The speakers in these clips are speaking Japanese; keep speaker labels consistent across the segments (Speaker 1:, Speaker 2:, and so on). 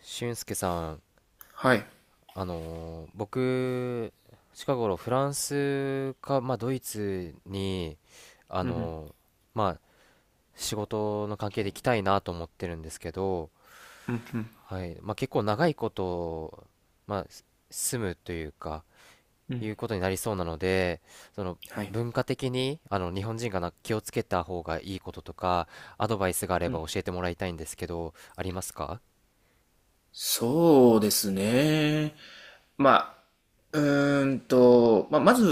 Speaker 1: 俊介さん、
Speaker 2: はい。
Speaker 1: 僕、近頃フランスか、まあ、ドイツに、あ
Speaker 2: うん
Speaker 1: のーまあ、仕事の関係で行きたいなと思ってるんですけど、
Speaker 2: うん。うん、
Speaker 1: はい、まあ、結構長いこと、まあ、住むというか、
Speaker 2: うん。
Speaker 1: いうことになりそうなので、その
Speaker 2: はい。
Speaker 1: 文化的に、あの、日本人が気をつけた方がいいこととか、アドバイスがあれ
Speaker 2: う
Speaker 1: ば
Speaker 2: ん。
Speaker 1: 教えてもらいたいんですけど、ありますか？
Speaker 2: そうですね。まあ、まあ、まず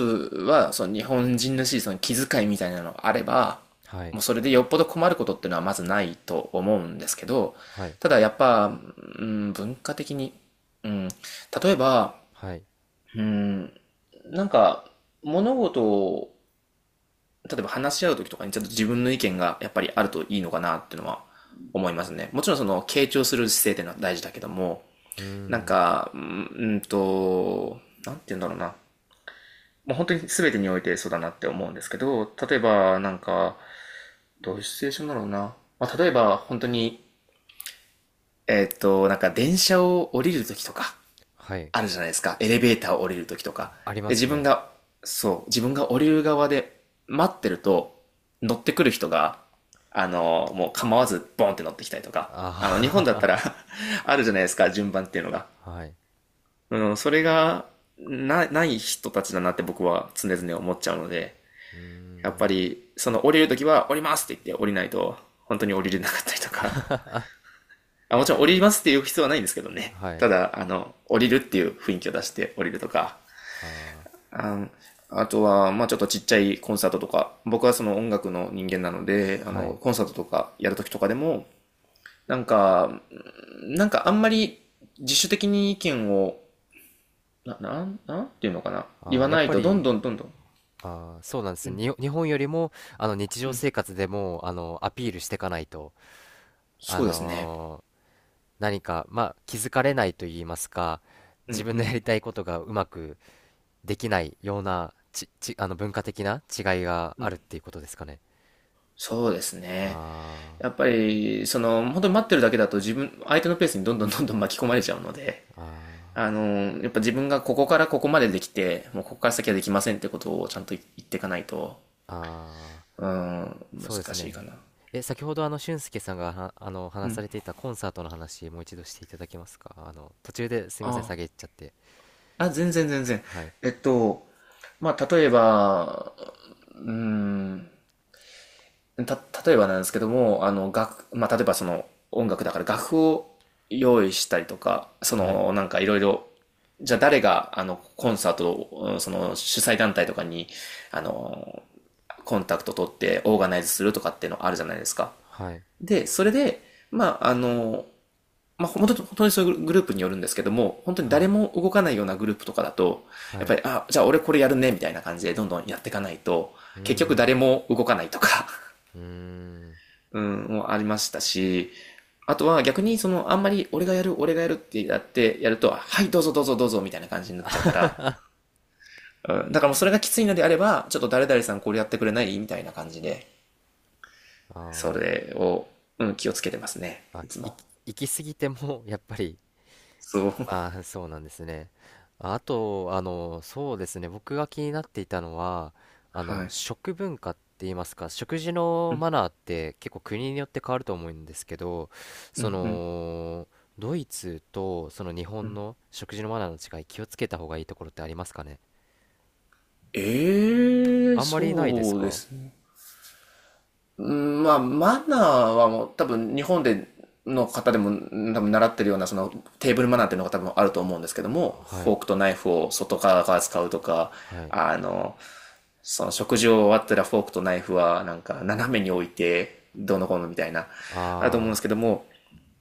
Speaker 2: は、その日本人らしいその気遣いみたいなのがあれば、
Speaker 1: はい、
Speaker 2: もうそれでよっぽど困ることっていうのはまずないと思うんですけど、
Speaker 1: はい、
Speaker 2: ただやっぱ、うん、文化的に、うん、例えば、
Speaker 1: はい、
Speaker 2: うん、なんか物事を例えば話し合う時とかにちょっと自分の意見がやっぱりあるといいのかなっていうのは思いますね。もちろんその傾聴する姿勢っていうのは大事だけども、
Speaker 1: うー
Speaker 2: なん
Speaker 1: ん、
Speaker 2: か、うんうんと、なんて言うんだろうな。もう本当に全てにおいてそうだなって思うんですけど、例えばなんか、どういうシチュエーションだろうな。まあ、例えば本当に、なんか電車を降りる時とか、
Speaker 1: はい。
Speaker 2: あるじゃないですか。エレベーターを降りるときとか。
Speaker 1: ありま
Speaker 2: で、
Speaker 1: す
Speaker 2: 自分
Speaker 1: ね。
Speaker 2: が、そう、自分が降りる側で待ってると、乗ってくる人が、あの、もう構わずボンって乗ってきたりとか。あの、日本だった
Speaker 1: あ
Speaker 2: ら あるじゃないですか、順番っていうのが。
Speaker 1: あ はい。
Speaker 2: うん、それが、ない人たちだなって僕は常々思っちゃうので、
Speaker 1: うー
Speaker 2: やっぱ
Speaker 1: ん。
Speaker 2: り、その降りるときは降りますって言って降りないと、本当に降
Speaker 1: は、
Speaker 2: りれなかったりとか。あ、もちろん降りますって言う必要はないんですけどね。
Speaker 1: は
Speaker 2: た
Speaker 1: い。
Speaker 2: だ、あの、降りるっていう雰囲気を出して降りるとか、
Speaker 1: あ
Speaker 2: ああとは、まあちょっとちっちゃいコンサートとか、僕はその音楽の人間なので、あ
Speaker 1: あ、は
Speaker 2: の、
Speaker 1: い。
Speaker 2: コンサートとかやるときとかでも、なんか、なんかあんまり自主的に意見を、なんていうのかな。言
Speaker 1: ああ、
Speaker 2: わ
Speaker 1: やっ
Speaker 2: ない
Speaker 1: ぱ
Speaker 2: と、どん
Speaker 1: り、
Speaker 2: どんどんどん。
Speaker 1: ああ、そうなんで
Speaker 2: う
Speaker 1: すね。
Speaker 2: ん、
Speaker 1: 日本よりも、あの、日常
Speaker 2: うん。
Speaker 1: 生活でも、あの、アピールしていかないと、あ
Speaker 2: そうですね。
Speaker 1: のー何か、まあ、気づかれないと言いますか、
Speaker 2: う
Speaker 1: 自
Speaker 2: ん、
Speaker 1: 分
Speaker 2: う
Speaker 1: のや
Speaker 2: ん、
Speaker 1: りたいことがうまくできないような、あの、文化的な違いが
Speaker 2: う
Speaker 1: あ
Speaker 2: ん。
Speaker 1: るっていうことですかね。
Speaker 2: そうですね。
Speaker 1: あ
Speaker 2: やっぱり、その、本当に待ってるだけだと自分、相手のペースにどんどんどんどん巻き込まれちゃうので、
Speaker 1: あ、あ
Speaker 2: あのやっぱ自分がここからここまでできて、もうここから先はできませんってことをちゃんと言っていかないと、
Speaker 1: あ、ああ。
Speaker 2: うーん、
Speaker 1: そうです
Speaker 2: 難しいか
Speaker 1: ね。
Speaker 2: な。
Speaker 1: え、先ほど、あの、俊介さんがあの
Speaker 2: う
Speaker 1: 話さ
Speaker 2: ん。
Speaker 1: れていたコンサートの話、もう一度していただけますか？あの、途中ですいません、
Speaker 2: あ
Speaker 1: 下げっちゃって。
Speaker 2: あ、全然全然。
Speaker 1: はい。
Speaker 2: えっと、まあ、うーん、た、例えばなんですけども、あの、まあ、例えばその音楽だから楽譜を用意したりとか、そ
Speaker 1: はい。
Speaker 2: の、なんかいろいろ、じゃあ誰が、あの、コンサートを、うんその、主催団体とかに、あの、コンタクト取ってオーガナイズするとかっていうのあるじゃないですか。
Speaker 1: はい。
Speaker 2: で、それで、まあ、あの、まあ、本当に、本当にそういうグループによるんですけども、本当に
Speaker 1: は
Speaker 2: 誰
Speaker 1: い。
Speaker 2: も動かないようなグループとかだと、やっ
Speaker 1: は
Speaker 2: ぱ
Speaker 1: い。
Speaker 2: り、あ、じゃあ俺これやるね、みたいな感じでどんどんやっていかないと、
Speaker 1: うー
Speaker 2: 結局
Speaker 1: ん。
Speaker 2: 誰も動かないとか、
Speaker 1: うーん。
Speaker 2: うん、もありましたし、あとは逆にそのあんまり俺がやる、俺がやるってやってやると、はいどうぞどうぞどうぞみたいな感じになっちゃうから、うん、だからもうそれがきついのであれば、ちょっと誰々さんこれやってくれないみたいな感じで、そ
Speaker 1: あ
Speaker 2: れを、うん、気をつけてますね。
Speaker 1: ー、あ、
Speaker 2: いつも。
Speaker 1: 行き過ぎても、やっぱり、
Speaker 2: そう。
Speaker 1: まあ、そうなんですね。あと、あの、そうですね。僕が気になっていたのは、あの、
Speaker 2: はい。
Speaker 1: 食文化って言いますか、食事のマナーって結構国によって変わると思うんですけど、
Speaker 2: う
Speaker 1: そ
Speaker 2: んうん。
Speaker 1: の、ドイツとその日本の食事のマナーの違い、気をつけた方がいいところってありますかね？
Speaker 2: ええー、
Speaker 1: あんまりないです
Speaker 2: そうで
Speaker 1: か？
Speaker 2: すね。うん、まあ、マナーはもう多分日本での方でも多分習ってるようなそのテーブルマナーっていうのが多分あると思うんですけど
Speaker 1: あ、
Speaker 2: も、
Speaker 1: は
Speaker 2: フォ
Speaker 1: い、
Speaker 2: ークとナイフを外側から使うとか、
Speaker 1: はい、
Speaker 2: あの、その食事を終わったらフォークとナイフはなんか斜めに置いてどうのこうのみたいな、あると思うん
Speaker 1: あ
Speaker 2: ですけども、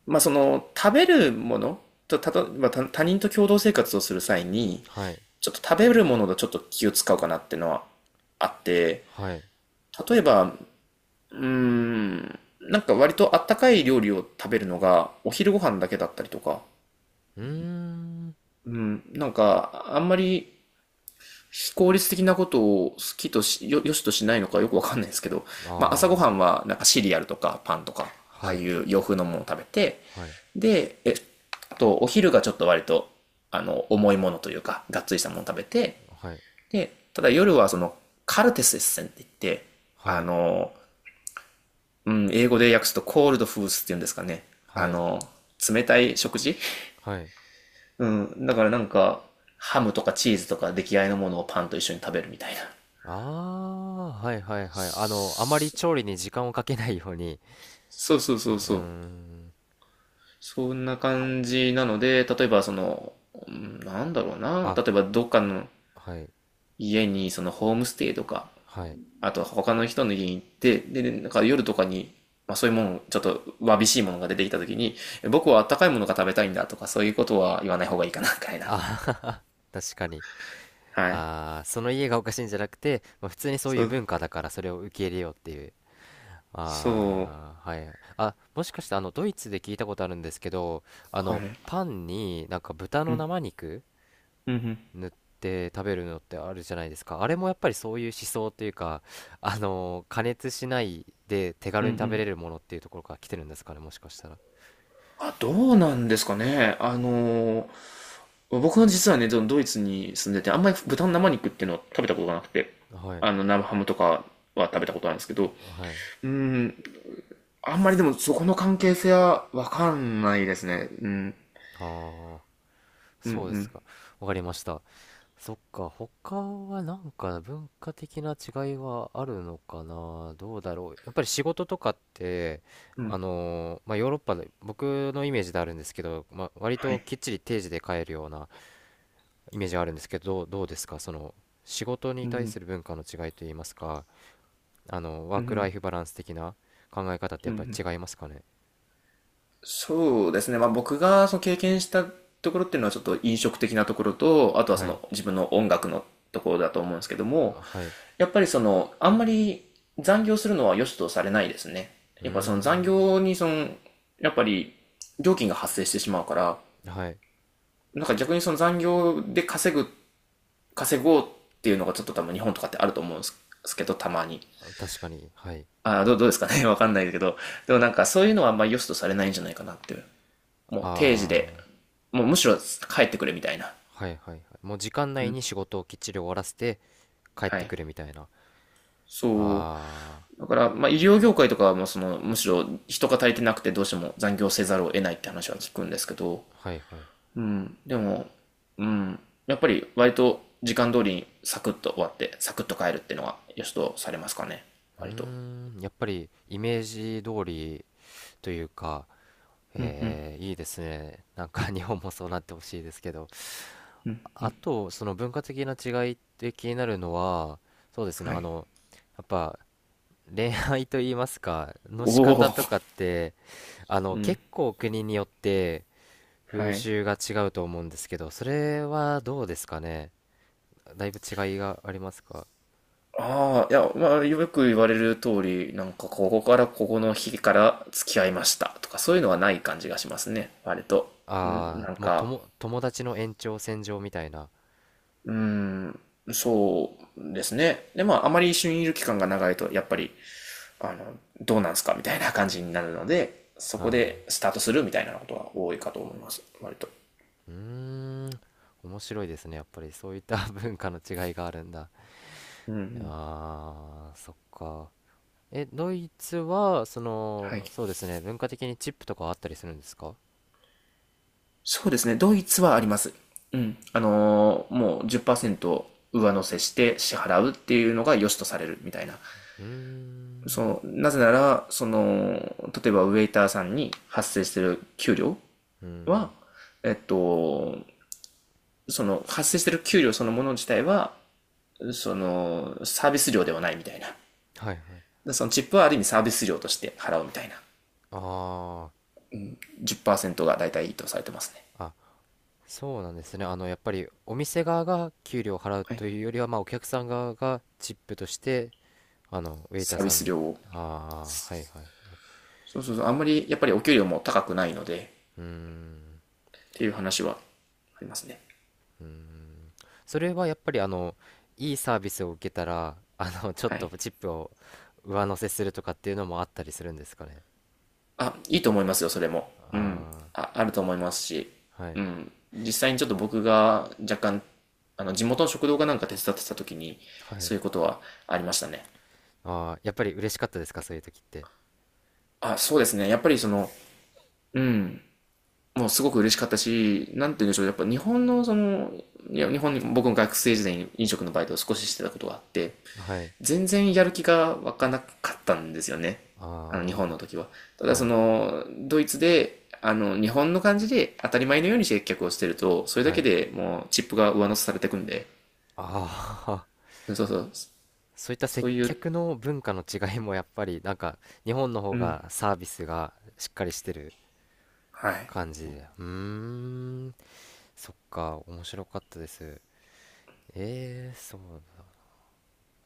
Speaker 2: まあその食べるものと、まあ、他人と共同生活をする際に、
Speaker 1: あ、はい、
Speaker 2: ちょっと食べるものとちょっと気を使うかなっていうのはあって、
Speaker 1: はい、
Speaker 2: 例えばうーん。なんか割とあったかい料理を食べるのがお昼ご飯だけだったりとか。
Speaker 1: うーん、
Speaker 2: うん。なんかあんまり非効率的なことを好きとし、よ、よしとしないのかよくわかんないですけど、まあ朝ご
Speaker 1: あ
Speaker 2: はん
Speaker 1: あ、
Speaker 2: はなんかシリアルとかパンとか、ああ
Speaker 1: はい、
Speaker 2: いう洋風のものを食べて、
Speaker 1: はい、
Speaker 2: で、あとお昼がちょっと割とあの重いものというか、がっつりしたものを食べて、
Speaker 1: はい、
Speaker 2: で、ただ夜はそのカルテスエッセンって言って、
Speaker 1: は
Speaker 2: あ
Speaker 1: い、
Speaker 2: の、うん、英語で訳すとコールドフースっていうんですかね。あ
Speaker 1: はい、
Speaker 2: の、冷たい食事、
Speaker 1: はい。
Speaker 2: うん。だからなんか、ハムとかチーズとか出来合いのものをパンと一緒に食べるみたいな。
Speaker 1: ああ、はいはいはい。あの、あまり調理に時間をかけないように。
Speaker 2: そうそう
Speaker 1: う
Speaker 2: そう
Speaker 1: ー
Speaker 2: そう。
Speaker 1: ん。
Speaker 2: そんな感じなので、例えばその、うんなんだろうな。
Speaker 1: あ、
Speaker 2: 例えばどっかの
Speaker 1: はい。
Speaker 2: 家にそのホームステイとか、
Speaker 1: はい。
Speaker 2: あとは他の人の家に行って、で、なんか夜とかに、まあそういうもの、ちょっとわびしいものが出てきた時に、僕はあったかいものが食べたいんだとか、そういうことは言わない方がいいかな、みたいな。
Speaker 1: あー、確かに。
Speaker 2: はい。
Speaker 1: ああ、その家がおかしいんじゃなくて、まあ、普通にそうい
Speaker 2: そ
Speaker 1: う
Speaker 2: う、
Speaker 1: 文化だからそれを受け入れようっていう。
Speaker 2: そう。
Speaker 1: ああ、はい。あ、もしかしてあの、ドイツで聞いたことあるんですけど、あ
Speaker 2: は
Speaker 1: の、
Speaker 2: い。
Speaker 1: パンになんか豚
Speaker 2: う
Speaker 1: の
Speaker 2: ん、
Speaker 1: 生肉
Speaker 2: うんうん、
Speaker 1: 塗って食べるのってあるじゃないですか。あれもやっぱりそういう思想というか、あの、加熱しないで手
Speaker 2: うん
Speaker 1: 軽
Speaker 2: う
Speaker 1: に食べ
Speaker 2: ん。
Speaker 1: れるものっていうところから来てるんですかね、もしかしたら。
Speaker 2: あ、どうなんですかね。僕は実はね、ドイツに住んでて、あんまり豚の生肉っていうのを食べたことがなくて、
Speaker 1: はい、
Speaker 2: あの、生ハムとかは食べたことなんですけど、
Speaker 1: はい。
Speaker 2: うん、あんまりでもそこの関係性はわかんないですね。うん、
Speaker 1: ああ、
Speaker 2: う
Speaker 1: そうです
Speaker 2: ん、
Speaker 1: か。わかりました。そっか、他はなんか文化的な違いはあるのかな、どうだろう。やっぱり仕事とかって、
Speaker 2: うん、うん。
Speaker 1: まあ、ヨーロッパで、僕のイメージであるんですけど、まあ、割
Speaker 2: は
Speaker 1: と
Speaker 2: い。
Speaker 1: きっちり定時で帰るようなイメージがあるんですけど、どうですか、その仕事に
Speaker 2: う
Speaker 1: 対
Speaker 2: ん、
Speaker 1: する文化の違いといいますか、あの、ワ
Speaker 2: う
Speaker 1: ークラ
Speaker 2: ん、
Speaker 1: イフバランス的な考え方って
Speaker 2: う
Speaker 1: や
Speaker 2: ん、
Speaker 1: っ
Speaker 2: う
Speaker 1: ぱり
Speaker 2: ん。
Speaker 1: 違いますかね？
Speaker 2: そうですね。まあ僕がその経験したところっていうのはちょっと飲食的なところと、あとはそ
Speaker 1: は
Speaker 2: の
Speaker 1: い、
Speaker 2: 自分の音楽のところだと思うんですけども、
Speaker 1: はい、
Speaker 2: やっぱりその、あんまり残業するのは良しとされないですね。
Speaker 1: うー
Speaker 2: やっぱその残
Speaker 1: ん、
Speaker 2: 業にその、やっぱり料金が発生してしまうから、
Speaker 1: はい、
Speaker 2: なんか逆にその残業で稼ぐ、稼ごうっていうのがちょっと多分日本とかってあると思うんですけど、たまに。
Speaker 1: 確かに、はい、
Speaker 2: ああ、どうですかね わかんないですけど。でもなんかそういうのはあんまり良しとされないんじゃないかなっていう。もう定時で、
Speaker 1: あー、
Speaker 2: もうむしろ帰ってくれみたいな。
Speaker 1: はいはいはい。もう時間
Speaker 2: う
Speaker 1: 内
Speaker 2: ん。
Speaker 1: に仕事をきっちり終わらせて帰っ
Speaker 2: は
Speaker 1: て
Speaker 2: い。
Speaker 1: くるみたいな。
Speaker 2: そ
Speaker 1: あ
Speaker 2: うだから、まあ、医療業界とかはもうその、むしろ人が足りてなくてどうしても残業せざるを得ないって話は聞くんですけど、
Speaker 1: ー、はいはい。
Speaker 2: うん、でも、うん、やっぱり割と時間通りにサクッと終わって、サクッと帰るっていうのは良しとされますかね、
Speaker 1: うー
Speaker 2: 割と。
Speaker 1: ん、やっぱりイメージ通りというか、えー、いいですね。なんか日本もそうなってほしいですけど。あと、その文化的な違いって気になるのは、そうですね、
Speaker 2: は
Speaker 1: あ
Speaker 2: い。
Speaker 1: の、やっぱ恋愛と言いますか、の仕
Speaker 2: お
Speaker 1: 方
Speaker 2: お、
Speaker 1: とかって、あ の、
Speaker 2: うん、
Speaker 1: 結構国によって
Speaker 2: は
Speaker 1: 風
Speaker 2: い。
Speaker 1: 習が違うと思うんですけど、それはどうですかね。だいぶ違いがありますか？
Speaker 2: ああ、いや、まあ、よく言われる通り、なんか、ここからここの日から付き合いましたとか、そういうのはない感じがしますね、割と。うん
Speaker 1: あ
Speaker 2: なん
Speaker 1: あ、もうと
Speaker 2: か、
Speaker 1: も、友達の延長線上みたいな。
Speaker 2: うん、そうですね。で、まあ、あまり一緒にいる期間が長いと、やっぱり、あの、どうなんすかみたいな感じになるので、そ
Speaker 1: あ
Speaker 2: こ
Speaker 1: あ、
Speaker 2: でスタートするみたいなことは多いかと思います。割と。
Speaker 1: うーん、面白いですね。やっぱりそういった 文化の違いがあるんだ。ああ、そっか。え、ドイツは、そ
Speaker 2: はい。
Speaker 1: の、そうですね、文化的にチップとかあったりするんですか？
Speaker 2: そうですね。ドイツはあります。うん。もう10%上乗せして支払うっていうのが良しとされるみたいな。
Speaker 1: うー
Speaker 2: そ
Speaker 1: ん、
Speaker 2: の、なぜなら、その、例えばウェイターさんに発生してる給料
Speaker 1: うん、
Speaker 2: は、えっと、その発生してる給料そのもの自体は、その、サービス料ではないみたいな。
Speaker 1: はいはい。
Speaker 2: でそのチップはある意味サービス料として払うみたいな。
Speaker 1: あ
Speaker 2: 10%が大体いいとされてますね。
Speaker 1: あ、あ、そうなんですね。あの、やっぱりお店側が給料を払う
Speaker 2: はい。
Speaker 1: というよりは、まあ、お客さん側がチップとして、あの、ウェイタ
Speaker 2: サ
Speaker 1: ー
Speaker 2: ービ
Speaker 1: さん
Speaker 2: ス
Speaker 1: に。
Speaker 2: 料を。
Speaker 1: ああ、はいはい。
Speaker 2: そうそうそう。あんまりやっぱりお給料も高くないので、
Speaker 1: うーん、
Speaker 2: っていう話はありますね。
Speaker 1: うーん。それはやっぱり、あの、いいサービスを受けたら、あの、ちょっ
Speaker 2: は
Speaker 1: と
Speaker 2: い。
Speaker 1: チップを上乗せするとかっていうのもあったりするんですかね？
Speaker 2: あ、いいと思いますよ、それも。うん。
Speaker 1: あ
Speaker 2: あ、あると思いますし。
Speaker 1: あ、はい。
Speaker 2: うん。実際にちょっと僕が若干、あの、地元の食堂かなんか手伝ってた時に、
Speaker 1: はい。
Speaker 2: そういうことはありましたね。
Speaker 1: ああ、やっぱり嬉しかったですか、そういう時って。
Speaker 2: あ、そうですね。やっぱりその、うん、もうすごく嬉しかったし、なんて言うんでしょう、やっぱ日本のその、いや、日本に、僕も学生時代に飲食のバイトを少ししてたことがあって、
Speaker 1: はい。
Speaker 2: 全然やる気が湧かなかったんですよね。あの、日本
Speaker 1: あ
Speaker 2: の
Speaker 1: あ、
Speaker 2: 時は。ただ
Speaker 1: は
Speaker 2: そ
Speaker 1: い。
Speaker 2: の、ドイツで、あの、日本の感じで当たり前のように接客をしてると、それだ
Speaker 1: は
Speaker 2: け
Speaker 1: い。
Speaker 2: でもうチップが上乗せされてくんで、
Speaker 1: ああ、
Speaker 2: そうそう、
Speaker 1: そういった
Speaker 2: そ
Speaker 1: 接
Speaker 2: ういう、
Speaker 1: 客の文化の違いもやっぱり、なんか、日本の方
Speaker 2: うん、
Speaker 1: がサービスがしっかりしてる
Speaker 2: はい。
Speaker 1: 感じで。うーん、そっか、面白かったです。ええ、そう。